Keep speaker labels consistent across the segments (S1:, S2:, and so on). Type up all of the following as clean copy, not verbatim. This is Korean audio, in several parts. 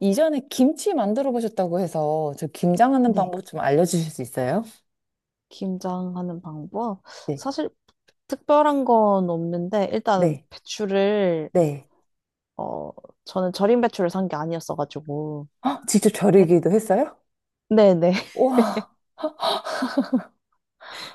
S1: 이전에 김치 만들어 보셨다고 해서 저 김장하는
S2: 네.
S1: 방법 좀 알려주실 수 있어요?
S2: 김장하는 방법?
S1: 네,
S2: 사실 특별한 건 없는데 일단
S1: 네,
S2: 배추를
S1: 네.
S2: 어 저는 절임 배추를 산 게 아니었어가지고
S1: 아, 직접
S2: 배-
S1: 절이기도 했어요?
S2: 네네
S1: 와,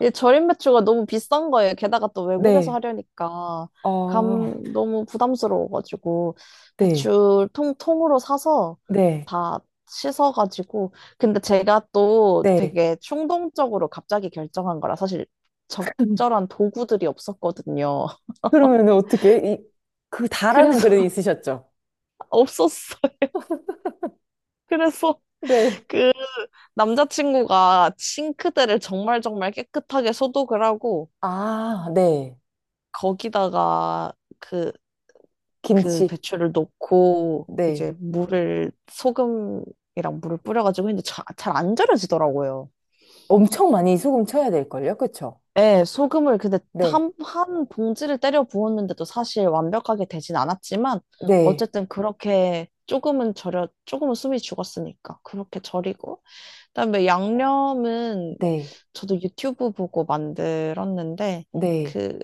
S2: 이 절임 배추가 너무 비싼 거예요. 게다가 또 외국에서
S1: 네,
S2: 하려니까
S1: 아
S2: 감 너무 부담스러워가지고
S1: 네,
S2: 배추 통 통으로 사서
S1: 네,
S2: 다 씻어가지고, 근데 제가 또
S1: 네.
S2: 되게 충동적으로 갑자기 결정한 거라 사실 적절한 도구들이 없었거든요.
S1: 그러면 어떻게, 이, 그 다라는
S2: 그래서
S1: 그릇 있으셨죠?
S2: 없었어요. 그래서
S1: 네.
S2: 그 남자친구가 싱크대를 정말 정말 깨끗하게 소독을 하고
S1: 아, 네.
S2: 거기다가 그, 그
S1: 김치.
S2: 배추를 넣고,
S1: 네.
S2: 이제 물을 소금이랑 물을 뿌려가지고 했는데 잘 안 절여지더라고요.
S1: 엄청 많이 소금 쳐야 될걸요? 그쵸?
S2: 예, 소금을 근데
S1: 네.
S2: 한, 한 봉지를 때려 부었는데도 사실 완벽하게 되진 않았지만
S1: 네.
S2: 어쨌든 그렇게 조금은 숨이 죽었으니까 그렇게 절이고, 그다음에 양념은
S1: 네.
S2: 저도 유튜브 보고 만들었는데
S1: 네.
S2: 그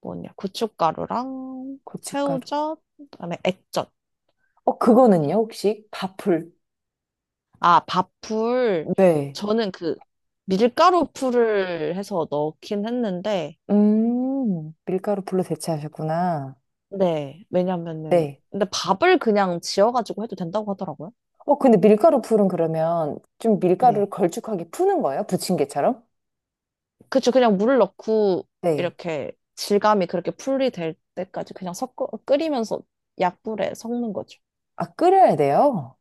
S2: 뭐냐, 고춧가루랑
S1: 고춧가루.
S2: 새우젓, 그다음에 액젓,
S1: 어, 그거는요,
S2: 그리고
S1: 혹시? 밥풀.
S2: 아, 밥풀.
S1: 네.
S2: 저는 그 밀가루 풀을 해서 넣긴 했는데,
S1: 밀가루 풀로 대체하셨구나.
S2: 네, 왜냐면은
S1: 네.
S2: 근데 밥을 그냥 지어가지고 해도 된다고 하더라고요.
S1: 어, 근데 밀가루 풀은 그러면 좀 밀가루를
S2: 네,
S1: 걸쭉하게 푸는 거예요? 부침개처럼?
S2: 그쵸. 그냥 물을 넣고
S1: 네.
S2: 이렇게 질감이 그렇게 풀이 될 때까지 그냥 섞어 끓이면서 약불에 섞는 거죠.
S1: 아, 끓여야 돼요?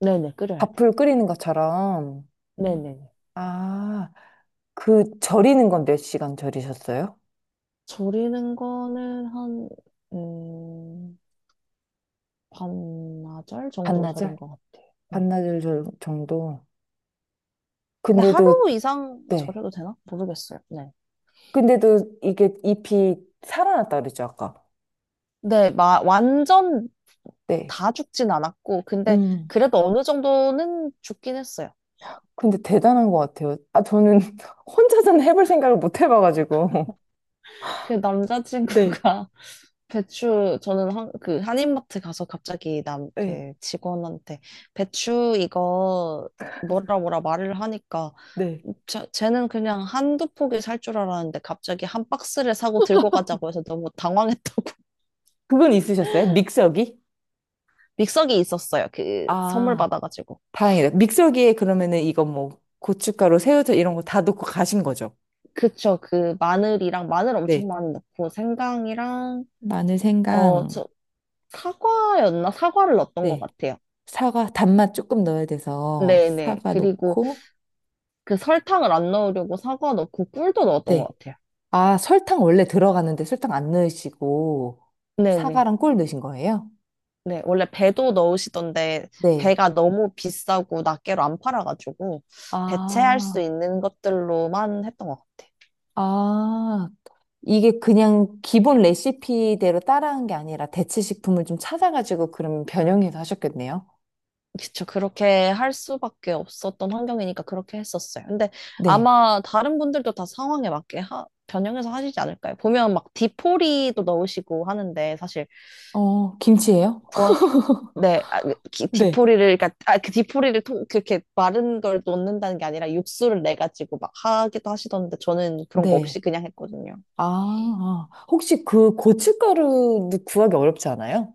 S2: 네네, 끓여야 돼요.
S1: 밥풀 끓이는 것처럼.
S2: 네네네.
S1: 아, 그 절이는 건 몇 시간 절이셨어요?
S2: 절이는 거는 한, 음, 반나절 정도 절인
S1: 반나절?
S2: 것 같아요. 네.
S1: 반나절 정도.
S2: 근데
S1: 근데도,
S2: 하루 이상
S1: 네.
S2: 절여도 되나? 모르겠어요. 네.
S1: 근데도 이게 잎이 살아났다 그랬죠, 아까.
S2: 네, 마, 완전
S1: 네.
S2: 다 죽진 않았고, 근데
S1: 음.
S2: 그래도 어느 정도는 죽긴 했어요.
S1: 근데 대단한 것 같아요. 아, 저는 혼자서는 해볼 생각을 못 해봐가지고.
S2: 그
S1: 네,
S2: 남자친구가 배추, 저는 한, 그 한인마트 가서 갑자기 남
S1: 네,
S2: 그 직원한테 배추 이거
S1: 그래서-
S2: 뭐라 뭐라 말을 하니까,
S1: 네.
S2: 자, 쟤는 그냥 한두 포기 살 줄 알았는데 갑자기 한 박스를 사고 들고 가자고 해서 너무 당황했다고.
S1: 그건 있으셨어요? 믹서기?
S2: 믹서기 있었어요, 그 선물
S1: 아,
S2: 받아가지고.
S1: 다행이다. 믹서기에 그러면은 이거 뭐 고춧가루, 새우젓 이런 거 다 넣고 가신 거죠?
S2: 그쵸, 그 마늘이랑, 마늘 엄청
S1: 네.
S2: 많이 넣고, 생강이랑
S1: 마늘,
S2: 어
S1: 생강,
S2: 저 사과였나, 사과를 넣었던 것
S1: 네.
S2: 같아요.
S1: 사과, 단맛 조금 넣어야 돼서
S2: 네네.
S1: 사과
S2: 그리고
S1: 넣고,
S2: 그 설탕을 안 넣으려고 사과 넣고 꿀도 넣었던 것
S1: 네.
S2: 같아요.
S1: 아, 설탕 원래 들어가는데 설탕 안 넣으시고
S2: 네네.
S1: 사과랑 꿀 넣으신 거예요?
S2: 네, 원래 배도 넣으시던데
S1: 네.
S2: 배가 너무 비싸고 낱개로 안 팔아가지고 대체할 수
S1: 아,
S2: 있는 것들로만 했던 것 같아요.
S1: 아, 이게 그냥 기본 레시피대로 따라한 게 아니라 대체 식품을 좀 찾아가지고 그럼 변형해서 하셨겠네요.
S2: 그쵸. 그렇게 할 수밖에 없었던 환경이니까 그렇게 했었어요. 근데
S1: 네.
S2: 아마 다른 분들도 다 상황에 맞게 변형해서 하시지 않을까요? 보면 막 디포리도 넣으시고 하는데 사실
S1: 어, 김치예요?
S2: 구하 기 네, 아, 그
S1: 네.
S2: 디포리를, 그러니까 아, 그 디포리를 통, 그렇게 마른 걸 넣는다는 게 아니라 육수를 내 가지고 막 하기도 하시던데 저는 그런 거
S1: 네.
S2: 없이 그냥 했거든요.
S1: 아, 아. 혹시 그 고춧가루도 구하기 어렵지 않아요?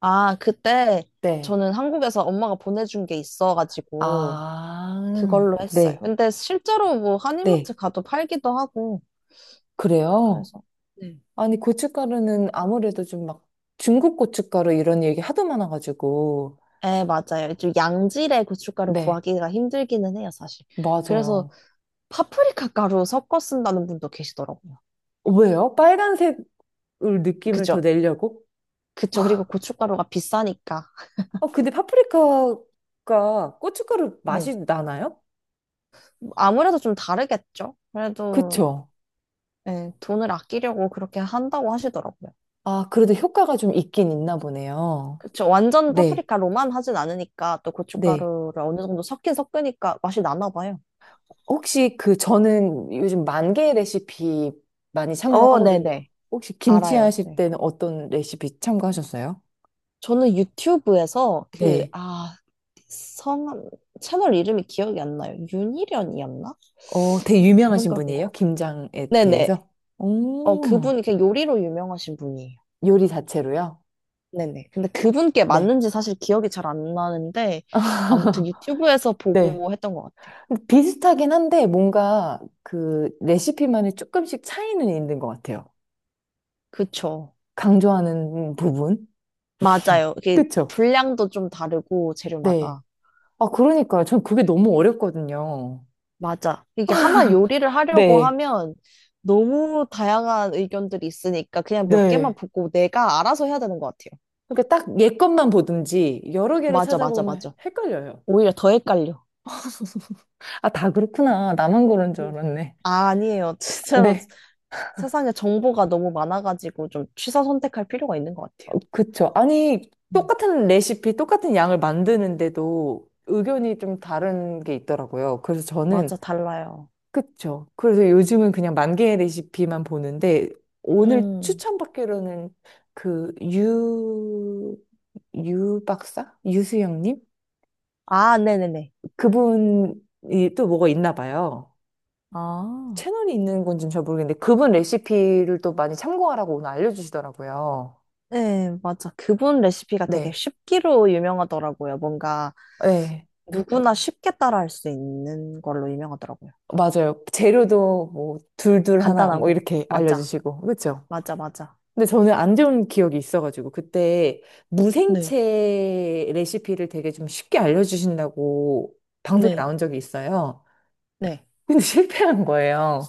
S2: 아, 그때
S1: 네.
S2: 저는 한국에서 엄마가 보내준 게 있어가지고
S1: 아,
S2: 그걸로 했어요.
S1: 네.
S2: 근데 실제로 뭐
S1: 네.
S2: 한인마트 가도 팔기도 하고
S1: 그래요?
S2: 그래서. 네.
S1: 아니, 고춧가루는 아무래도 좀 막 중국 고춧가루 이런 얘기 하도 많아가지고.
S2: 네, 맞아요. 좀 양질의 고춧가루
S1: 네.
S2: 구하기가 힘들기는 해요, 사실. 그래서
S1: 맞아요.
S2: 파프리카 가루 섞어 쓴다는 분도 계시더라고요.
S1: 왜요? 빨간색을 느낌을 더
S2: 그죠?
S1: 내려고?
S2: 그쵸. 그리고 고춧가루가 비싸니까.
S1: 어, 근데 파프리카가 고춧가루
S2: 네.
S1: 맛이 나나요?
S2: 아무래도 좀 다르겠죠? 그래도,
S1: 그쵸?
S2: 예, 돈을 아끼려고 그렇게 한다고 하시더라고요.
S1: 아, 그래도 효과가 좀 있긴 있나 보네요.
S2: 그쵸. 완전
S1: 네,
S2: 파프리카로만 하진 않으니까 또
S1: 네.
S2: 고춧가루를 어느 정도 섞긴 섞으니까 맛이 나나 봐요.
S1: 혹시 그 저는 요즘 만개 레시피 많이
S2: 어,
S1: 참고하거든요.
S2: 네네.
S1: 혹시 김치
S2: 알아요.
S1: 하실
S2: 네.
S1: 때는 어떤 레시피 참고하셨어요?
S2: 저는 유튜브에서 그,
S1: 네.
S2: 아, 성함, 채널 이름이 기억이 안 나요. 윤희련이었나?
S1: 어, 되게
S2: 그분
S1: 유명하신
S2: 걸 본 것
S1: 분이에요?
S2: 같아요.
S1: 김장에
S2: 네네.
S1: 대해서?
S2: 어,
S1: 오,
S2: 그분이 그냥 요리로 유명하신 분이에요.
S1: 요리 자체로요?
S2: 네네. 근데 그분께
S1: 네.
S2: 맞는지 사실 기억이 잘 안 나는데, 아무튼 유튜브에서
S1: 네.
S2: 보고 했던 것 같아요.
S1: 비슷하긴 한데 뭔가 그 레시피만의 조금씩 차이는 있는 것 같아요.
S2: 그쵸.
S1: 강조하는 부분.
S2: 맞아요. 이게
S1: 그쵸?
S2: 분량도 좀 다르고,
S1: 네.
S2: 재료마다.
S1: 아, 그러니까요. 전 그게 너무 어렵거든요.
S2: 맞아, 이게 하나 요리를 하려고
S1: 네.
S2: 하면 너무 다양한 의견들이 있으니까 그냥 몇 개만
S1: 네.
S2: 보고 내가 알아서 해야 되는 것 같아요.
S1: 그러니까 딱 얘 것만 보든지 여러 개를
S2: 맞아, 맞아,
S1: 찾아보면
S2: 맞아.
S1: 헷갈려요.
S2: 오히려 더 헷갈려.
S1: 아, 다 그렇구나. 나만 그런 줄
S2: 음.
S1: 알았네.
S2: 아, 아니에요. 진짜로
S1: 네.
S2: 세상에 정보가 너무 많아가지고 좀 취사 선택할 필요가 있는 것 같아요.
S1: 어, 그쵸. 아니,
S2: 음.
S1: 똑같은 레시피, 똑같은 양을 만드는데도 의견이 좀 다른 게 있더라고요. 그래서 저는
S2: 맞아, 달라요.
S1: 그쵸. 그래서 요즘은 그냥 만 개의 레시피만 보는데, 오늘
S2: 음.
S1: 추천받기로는 그 유, 유 박사? 유수영님?
S2: 아, 네네네.
S1: 그분이 또 뭐가 있나 봐요.
S2: 아,
S1: 채널이 있는 건지는 잘 모르겠는데, 그분 레시피를 또 많이 참고하라고 오늘 알려주시더라고요.
S2: 네, 맞아. 그분 레시피가 되게
S1: 네.
S2: 쉽기로 유명하더라고요. 뭔가
S1: 네.
S2: 누구나 쉽게 따라할 수 있는 걸로 유명하더라고요.
S1: 맞아요. 재료도 뭐, 둘둘 하나, 뭐,
S2: 간단하고.
S1: 이렇게
S2: 맞아.
S1: 알려주시고. 그쵸?
S2: 맞아, 맞아.
S1: 근데 저는 안 좋은 기억이 있어가지고 그때
S2: 네,
S1: 무생채 레시피를 되게 좀 쉽게 알려주신다고 방송에
S2: 네.
S1: 나온 적이 있어요.
S2: 네.
S1: 근데 실패한 거예요.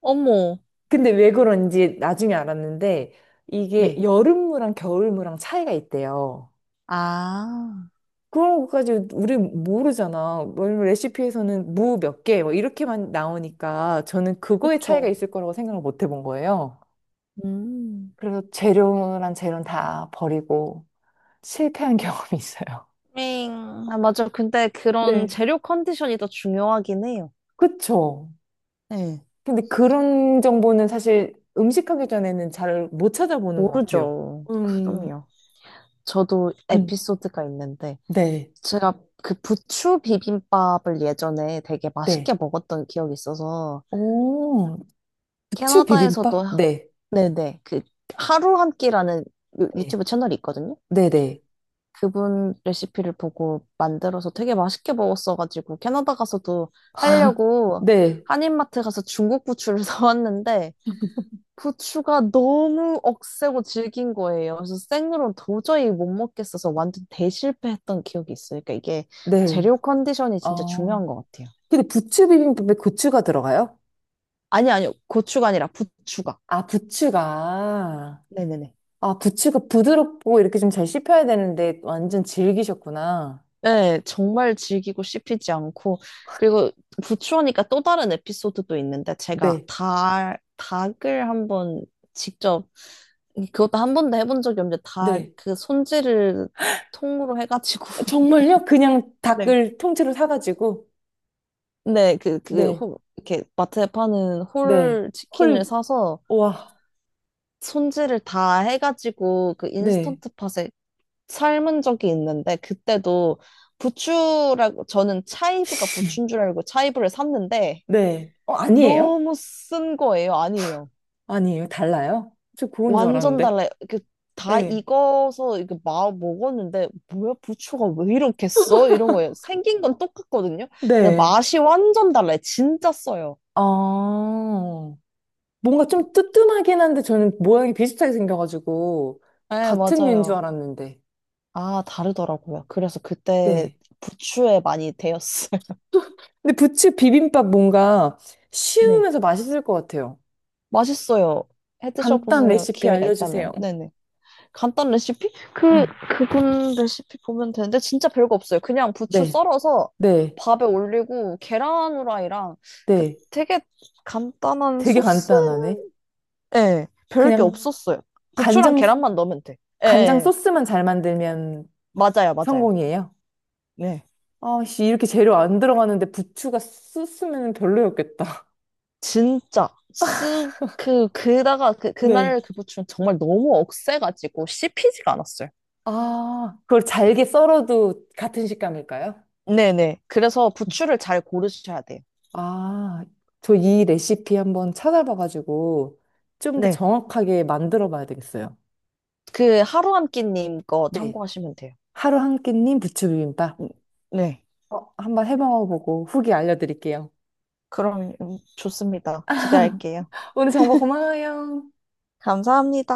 S2: 어머,
S1: 근데 왜 그런지 나중에 알았는데 이게
S2: 네.
S1: 여름무랑 겨울무랑 차이가 있대요.
S2: 아,
S1: 그런 것까지 우리 모르잖아. 왜냐면 레시피에서는 무 몇 개, 뭐 이렇게만 나오니까 저는 그거의 차이가
S2: 그쵸.
S1: 있을 거라고 생각을 못 해본 거예요.
S2: 음,
S1: 그래서 재료란 재료는 다 버리고 실패한 경험이 있어요.
S2: 밍. 아, 맞아. 근데 그런
S1: 네.
S2: 재료 컨디션이 더 중요하긴 해요.
S1: 그쵸.
S2: 네.
S1: 근데 그런 정보는 사실 음식하기 전에는 잘 못 찾아보는 것 같아요.
S2: 모르죠.
S1: 음,
S2: 그럼요. 저도
S1: 음,
S2: 에피소드가 있는데.
S1: 네,
S2: 제가 그 부추 비빔밥을 예전에 되게
S1: 네.
S2: 맛있게 먹었던 기억이 있어서
S1: 오, 부추
S2: 캐나다에서도
S1: 비빔밥? 네,
S2: 네네, 그 하루 한 끼라는
S1: 네,
S2: 유튜브 채널이 있거든요.
S1: 네, 네,
S2: 그분 레시피를 보고 만들어서 되게 맛있게 먹었어가지고 캐나다 가서도 하려고
S1: 네,
S2: 한인마트 가서 중국 부추를 사왔는데, 부추가 너무 억세고 질긴 거예요. 그래서 생으로는 도저히 못 먹겠어서 완전 대실패했던 기억이 있어요. 그러니까 이게
S1: 네.
S2: 재료 컨디션이 진짜
S1: 어,
S2: 중요한 것 같아요.
S1: 근데 부추 비빔밥에 고추가 들어가요?
S2: 아니, 아니요. 고추가 아니라 부추가.
S1: 아, 부추가.
S2: 네네네.
S1: 아, 부추가 부드럽고 이렇게 좀 잘 씹혀야 되는데 완전 질기셨구나.
S2: 네, 정말 질기고 씹히지 않고. 그리고 부추하니까 또 다른 에피소드도 있는데, 제가
S1: 네,
S2: 닭 닭을 한번 직접, 그것도 한 번도 해본 적이 없는데, 닭
S1: 네.
S2: 그 손질을 통으로 해가지고.
S1: 정말요? 그냥
S2: 네.
S1: 닭을 통째로 사가지고?
S2: 네, 그, 그,
S1: 네.
S2: 호, 이렇게 마트에 파는
S1: 네.
S2: 홀
S1: 헐,
S2: 치킨을 사서
S1: 와,
S2: 손질을 다 해가지고 그
S1: 네,
S2: 인스턴트 팟에 삶은 적이 있는데, 그때도 부추라고 저는 차이브가 부추인 줄 알고 차이브를 샀는데
S1: 네. 어, 아니에요?
S2: 너무 쓴 거예요. 아니에요.
S1: 아니에요. 달라요? 저 그건 줄
S2: 완전
S1: 알았는데.
S2: 달라요. 그 다
S1: 네,
S2: 익어서 이게 마 먹었는데, 뭐야 부추가 왜 이렇게 써? 이런 거예요. 생긴 건 똑같거든요. 근데
S1: 네.
S2: 맛이 완전 달라요. 진짜 써요.
S1: 아, 뭔가 좀 뜨뜸하긴 한데 저는 모양이 비슷하게 생겨가지고
S2: 네,
S1: 같은 류인 줄
S2: 맞아요.
S1: 알았는데.
S2: 아, 다르더라고요. 그래서 그때
S1: 네.
S2: 부추에 많이 데였어요.
S1: 근데 부츠 비빔밥 뭔가
S2: 네.
S1: 쉬우면서 맛있을 것 같아요.
S2: 맛있어요. 해
S1: 간단
S2: 드셔보세요.
S1: 레시피
S2: 기회가
S1: 알려주세요.
S2: 있다면. 네네. 간단 레시피? 그,
S1: 네.
S2: 그분 레시피 보면 되는데, 진짜 별거 없어요. 그냥 부추
S1: 네,
S2: 썰어서
S1: 네,
S2: 밥에 올리고, 계란 후라이랑, 그
S1: 네.
S2: 되게 간단한
S1: 되게
S2: 소스?
S1: 간단하네.
S2: 예, 별게
S1: 그냥
S2: 없었어요. 부추랑
S1: 간장,
S2: 계란만 넣으면 돼. 예, 예,
S1: 간장
S2: 예.
S1: 소스만 잘 만들면
S2: 맞아요, 맞아요.
S1: 성공이에요?
S2: 네.
S1: 아, 씨, 이렇게 재료 안 들어가는데 부추가 쓰으면 별로였겠다.
S2: 진짜, 쓱, 그, 그다가, 그,
S1: 네.
S2: 그날 그 부추는 정말 너무 억세가지고 씹히지가 않았어요.
S1: 아, 그걸 잘게 썰어도 같은 식감일까요?
S2: 네네. 그래서 부추를 잘 고르셔야 돼요.
S1: 아, 저 이 레시피 한번 찾아봐가지고 좀 더
S2: 네.
S1: 정확하게 만들어 봐야 되겠어요.
S2: 그 하루한 끼님 거
S1: 네.
S2: 참고하시면 돼요.
S1: 하루 한 끼님 부추비빔밥.
S2: 음, 네.
S1: 어, 한번 해 먹어보고 후기 알려드릴게요.
S2: 그럼 좋습니다. 기대할게요.
S1: 오늘 정보 고마워요.
S2: 감사합니다.